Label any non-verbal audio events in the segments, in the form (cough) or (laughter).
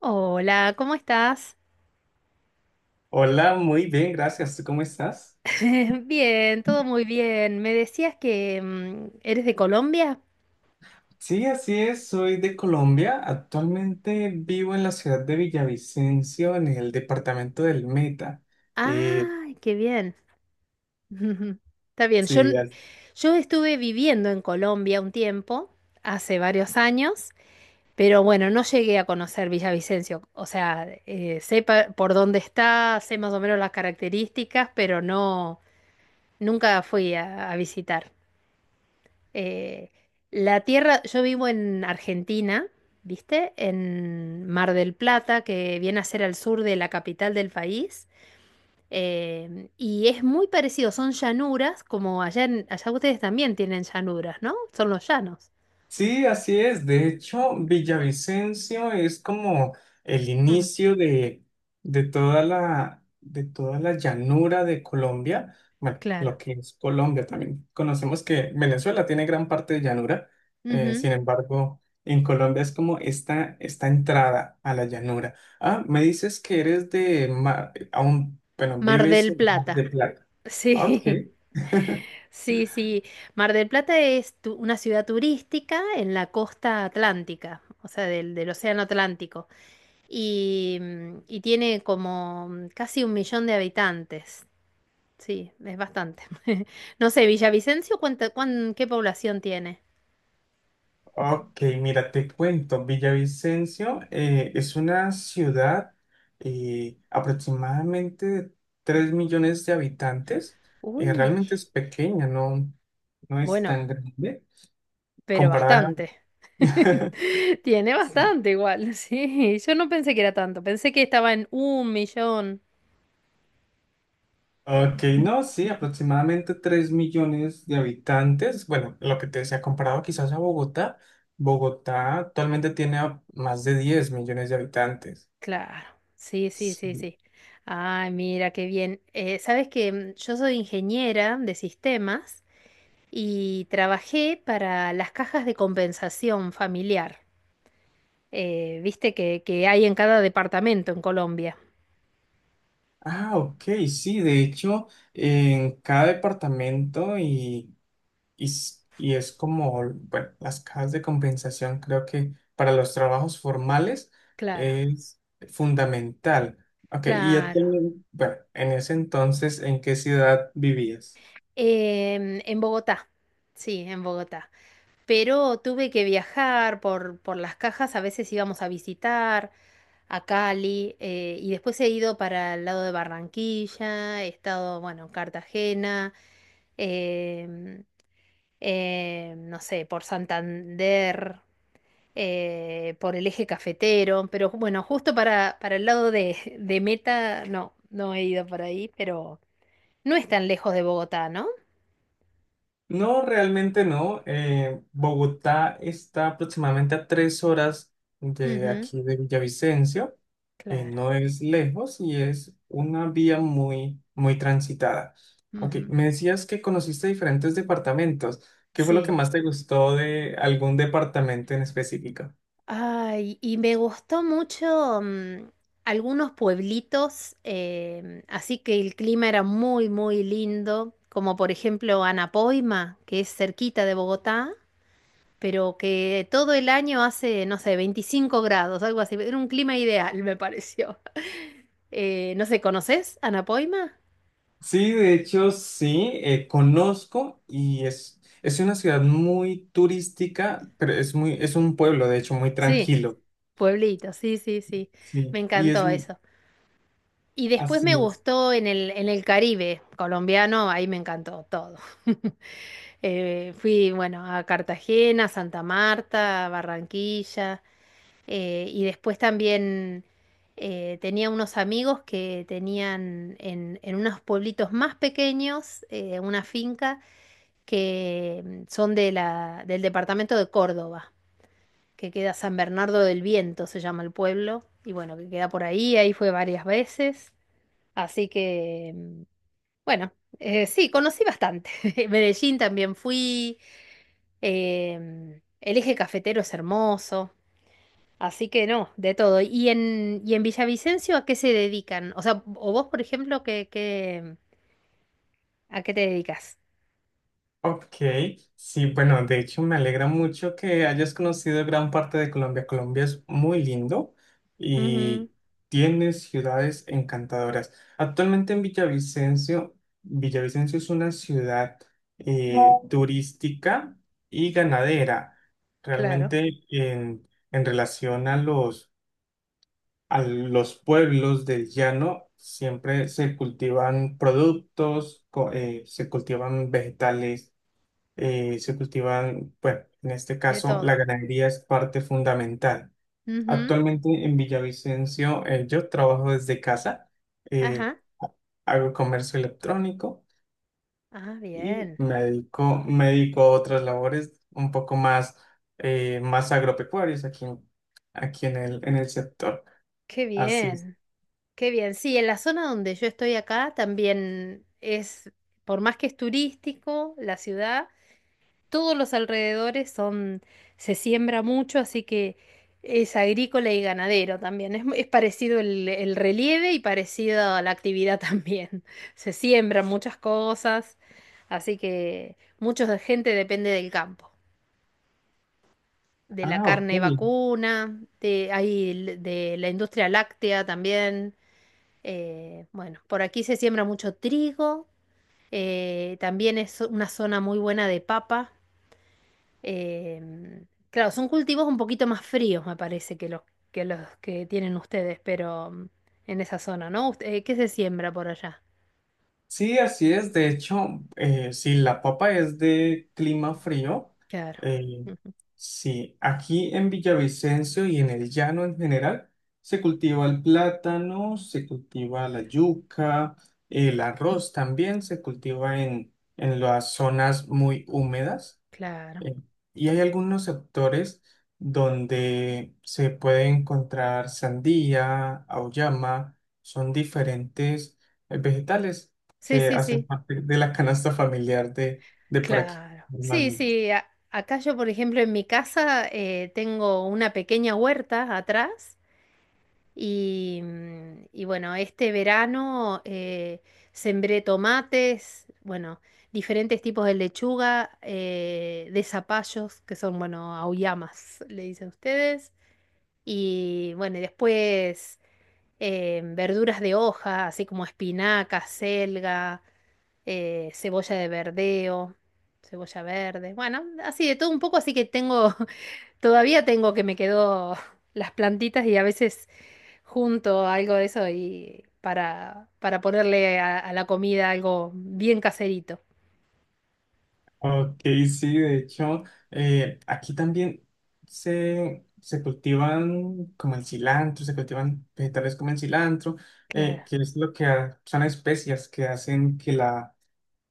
Hola, ¿cómo estás? Hola, muy bien, gracias. ¿Tú cómo estás? (laughs) Bien, todo muy bien. Me decías que eres de Colombia. Sí, así es, soy de Colombia. Actualmente vivo en la ciudad de Villavicencio, en el departamento del Meta. Eh, Ay, qué bien. (laughs) Está bien. Yo, sí, n- yo estuve viviendo en Colombia un tiempo, hace varios años, pero bueno, no llegué a conocer Villavicencio. O sea, sé por dónde está, sé más o menos las características, pero no, nunca fui a visitar. Eh, la tierra, yo vivo en Argentina, ¿viste? En Mar del Plata, que viene a ser al sur de la capital del país. Y es muy parecido, son llanuras, como allá, allá ustedes también tienen llanuras, ¿no? Son los llanos. Sí, así es. De hecho, Villavicencio es como el Ujú. inicio de toda la llanura de Colombia. Bueno, lo Claro. que es Colombia también. Conocemos que Venezuela tiene gran parte de llanura. eh, Ujú. sin embargo, en Colombia es como esta entrada a la llanura. Ah, me dices que eres de Mar, aún, bueno, Mar vives del en Mar de Plata. Plata. Ah, Ok. Sí. (laughs) (laughs) Sí, sí. Mar del Plata es una ciudad turística en la costa atlántica, o sea, del océano Atlántico. Y tiene como casi un millón de habitantes. Sí, es bastante. (laughs) No sé, Villavicencio, ¿qué población tiene? Ok, mira, te cuento, Villavicencio es una ciudad aproximadamente de 3 millones de habitantes. Uy, Realmente es pequeña, no, no es bueno, tan grande pero comparada. bastante. (laughs) (laughs) Tiene Sí. bastante igual, (laughs) sí. Yo no pensé que era tanto, pensé que estaba en un millón. Ok, no, sí, aproximadamente 3 millones de habitantes. Bueno, lo que te decía, comparado quizás a Bogotá, Bogotá actualmente tiene más de 10 millones de habitantes. Claro, sí, sí, sí, Sí. sí. Ay, mira, qué bien. Sabes que yo soy ingeniera de sistemas y trabajé para las cajas de compensación familiar, viste que hay en cada departamento en Colombia. Ah, ok, sí, de hecho, en cada departamento y es como, bueno, las cajas de compensación creo que para los trabajos formales Claro, es fundamental. Ok, y claro. actualmente, bueno, en ese entonces, ¿en qué ciudad vivías? En Bogotá, sí, en Bogotá. Pero tuve que viajar por, las cajas, a veces íbamos a visitar a Cali, y después he ido para el lado de Barranquilla, he estado, bueno, en Cartagena, em, no sé, por Santander, por el eje cafetero, pero bueno, justo para, el lado de Meta, no, no he ido por ahí, pero no es tan lejos de Bogotá, ¿no? No, realmente no. Bogotá está aproximadamente a 3 horas de Ujú, aquí de Villavicencio. eh, claro. no es lejos y es una vía muy, muy transitada. Ok, Ujú. me decías que conociste diferentes departamentos. ¿Qué fue lo que Sí. más te gustó de algún departamento en específico? Ay, y me gustó mucho algunos pueblitos, así que el clima era muy, muy lindo, como por ejemplo Anapoima, que es cerquita de Bogotá, pero que todo el año hace, no sé, 25 grados, algo así. Era un clima ideal, me pareció. (laughs) No sé, ¿conoces Anapoima? Sí, de hecho, sí, conozco y es una ciudad muy turística, pero es un pueblo, de hecho, muy Sí, tranquilo. pueblito, sí, sí, sí. Me Sí, encantó eso. Y después así me es. gustó en el, Caribe colombiano, ahí me encantó todo. (laughs) Fui, bueno, a Cartagena, Santa Marta, Barranquilla, y después también tenía unos amigos que tenían en unos pueblitos más pequeños una finca que son de la, del departamento de Córdoba, que queda San Bernardo del Viento, se llama el pueblo, y bueno, que queda por ahí, ahí fue varias veces, así que, bueno, sí, conocí bastante. (laughs) Medellín también fui. El eje cafetero es hermoso, así que no, de todo. y en Villavicencio a qué se dedican? O sea, o vos, por ejemplo, ¿a qué te dedicas? Ok, sí, bueno, de hecho me alegra mucho que hayas conocido gran parte de Colombia. Colombia es muy lindo Ujú, y tiene ciudades encantadoras. Actualmente en Villavicencio, es una ciudad eh, turística y ganadera. claro, Realmente en relación a a los pueblos del llano, siempre se cultivan productos, se cultivan vegetales bueno, en este de caso todo. la ganadería es parte fundamental. Ujú, Actualmente en Villavicencio yo trabajo desde casa, eh, ajá, hago comercio electrónico ah, y bien, me dedico a otras labores un poco más, más agropecuarias aquí, aquí en el sector. qué Así es. bien, qué bien. Sí, en la zona donde yo estoy acá también es, por más que es turístico la ciudad, todos los alrededores son, se siembra mucho, así que es agrícola y ganadero también. Es parecido el relieve y parecido a la actividad (laughs) también. Se siembran muchas cosas, así que mucha gente depende del campo, de la Ah, ok. carne vacuna, de la industria láctea también. Bueno, por aquí se siembra mucho trigo, también es una zona muy buena de papa. Claro, son cultivos un poquito más fríos, me parece, que los que tienen ustedes, pero en esa zona, ¿no? ¿Qué se siembra por allá? Sí, así es. De hecho, si la papa es de clima frío, Claro, eh, ujú, sí, aquí en Villavicencio y en el llano en general, se cultiva el plátano, se cultiva la yuca, el arroz también se cultiva en las zonas muy húmedas. claro. Eh, Y hay algunos sectores donde se puede encontrar sandía, auyama, son diferentes vegetales Sí, que sí, hacen sí, parte de la canasta familiar de por aquí, claro. Sí, normalmente. sí, acá yo, por ejemplo, en mi casa tengo una pequeña huerta atrás. Y bueno, este verano sembré tomates, bueno, diferentes tipos de lechuga, de zapallos, que son, bueno, auyamas, (laughs) le dicen ustedes. Y bueno, y después verduras de hoja, así como espinaca, selga, cebolla de verdeo, cebolla verde. Bueno, así de todo un poco, así que tengo Todavía tengo que me quedó (laughs) las plantitas y a veces junto algo de eso y para, ponerle a la comida algo bien caserito. Ok, sí, de hecho, aquí también se cultivan como el cilantro, se cultivan vegetales como el cilantro, Claro. Que es lo que son especias que hacen que la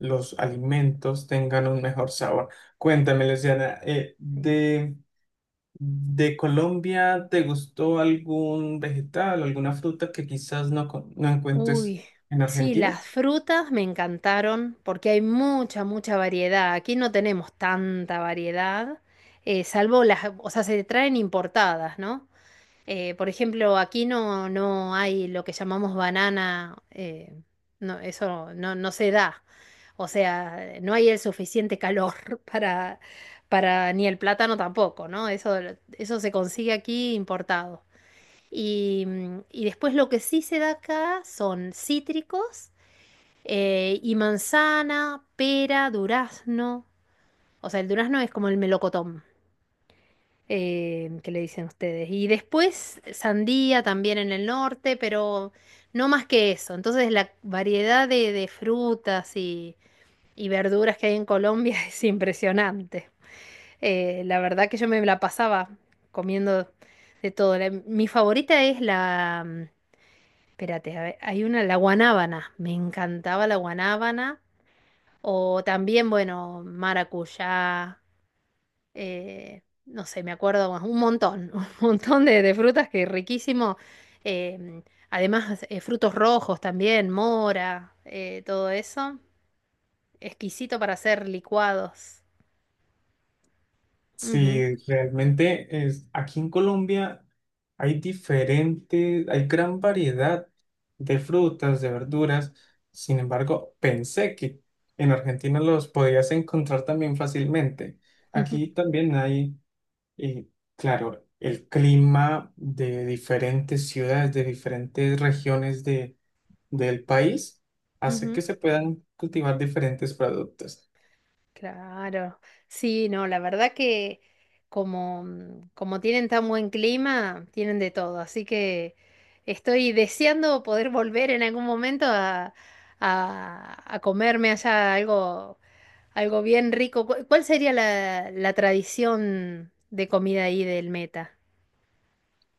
los alimentos tengan un mejor sabor. Cuéntame, Luciana, de Colombia, ¿te gustó algún vegetal, alguna fruta que quizás no encuentres Uy, en sí, Argentina? las frutas me encantaron porque hay mucha, mucha variedad. Aquí no tenemos tanta variedad, salvo las, o sea, se traen importadas, ¿no? Por ejemplo, aquí no, no hay lo que llamamos banana, no, eso no, no se da. O sea, no hay el suficiente calor (laughs) para, para, ni el plátano tampoco, ¿no? Eso se consigue aquí importado. Y después lo que sí se da acá son cítricos, y manzana, pera, durazno. O sea, el durazno es como el melocotón, que le dicen ustedes. Y después sandía también en el norte, pero no más que eso. Entonces la variedad de frutas y verduras que hay en Colombia (laughs) es impresionante. La verdad que yo me la pasaba comiendo de todo. Mi favorita es la... Espérate, a ver, hay una, la guanábana. Me encantaba la guanábana. O también, bueno, maracuyá, no sé, me acuerdo, bueno, un montón, (laughs) un montón de frutas que riquísimo. eh, además, frutos rojos también, mora, todo eso. Exquisito para hacer licuados. Ujú, Sí, aquí en Colombia hay gran variedad de frutas, de verduras. Sin embargo, pensé que en Argentina los podías encontrar también fácilmente. ujú, Aquí también hay Y claro, el clima de diferentes ciudades, de diferentes regiones del país, hace ujú. que se puedan cultivar diferentes productos. Claro. Sí, no, la verdad que como tienen tan buen clima, tienen de todo. Así que estoy deseando poder volver en algún momento a, a comerme allá Algo bien rico. ¿Cuál sería la, tradición de comida ahí del Meta?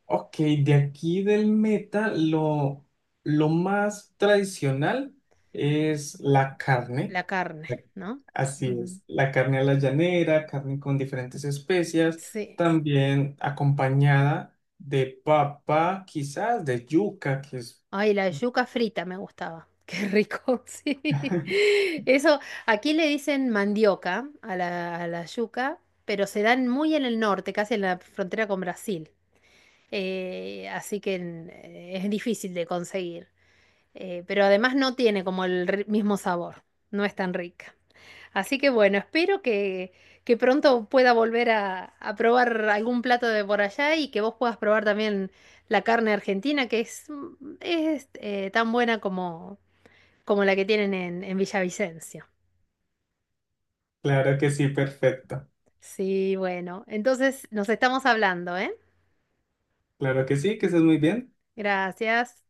Ok, de aquí del Meta, lo más tradicional es la carne. La carne, ¿no? Así Ujú. es, la carne a la llanera, carne con diferentes especias, Sí. también acompañada de papa, quizás de yuca. Ay, la yuca frita me gustaba. Qué rico, (laughs) sí. (laughs) Eso, aquí le dicen mandioca a la yuca, pero se dan muy en el norte, casi en la frontera con Brasil. Así que es difícil de conseguir. Pero además no tiene como el mismo sabor. No es tan rica. Así que bueno, espero que, pronto pueda volver a probar algún plato de por allá y que vos puedas probar también la carne argentina, que es tan buena como, la que tienen en Villavicencio. Claro que sí, perfecto. Sí, bueno, entonces nos estamos hablando, ¿eh? Claro que sí, que es muy bien. Gracias.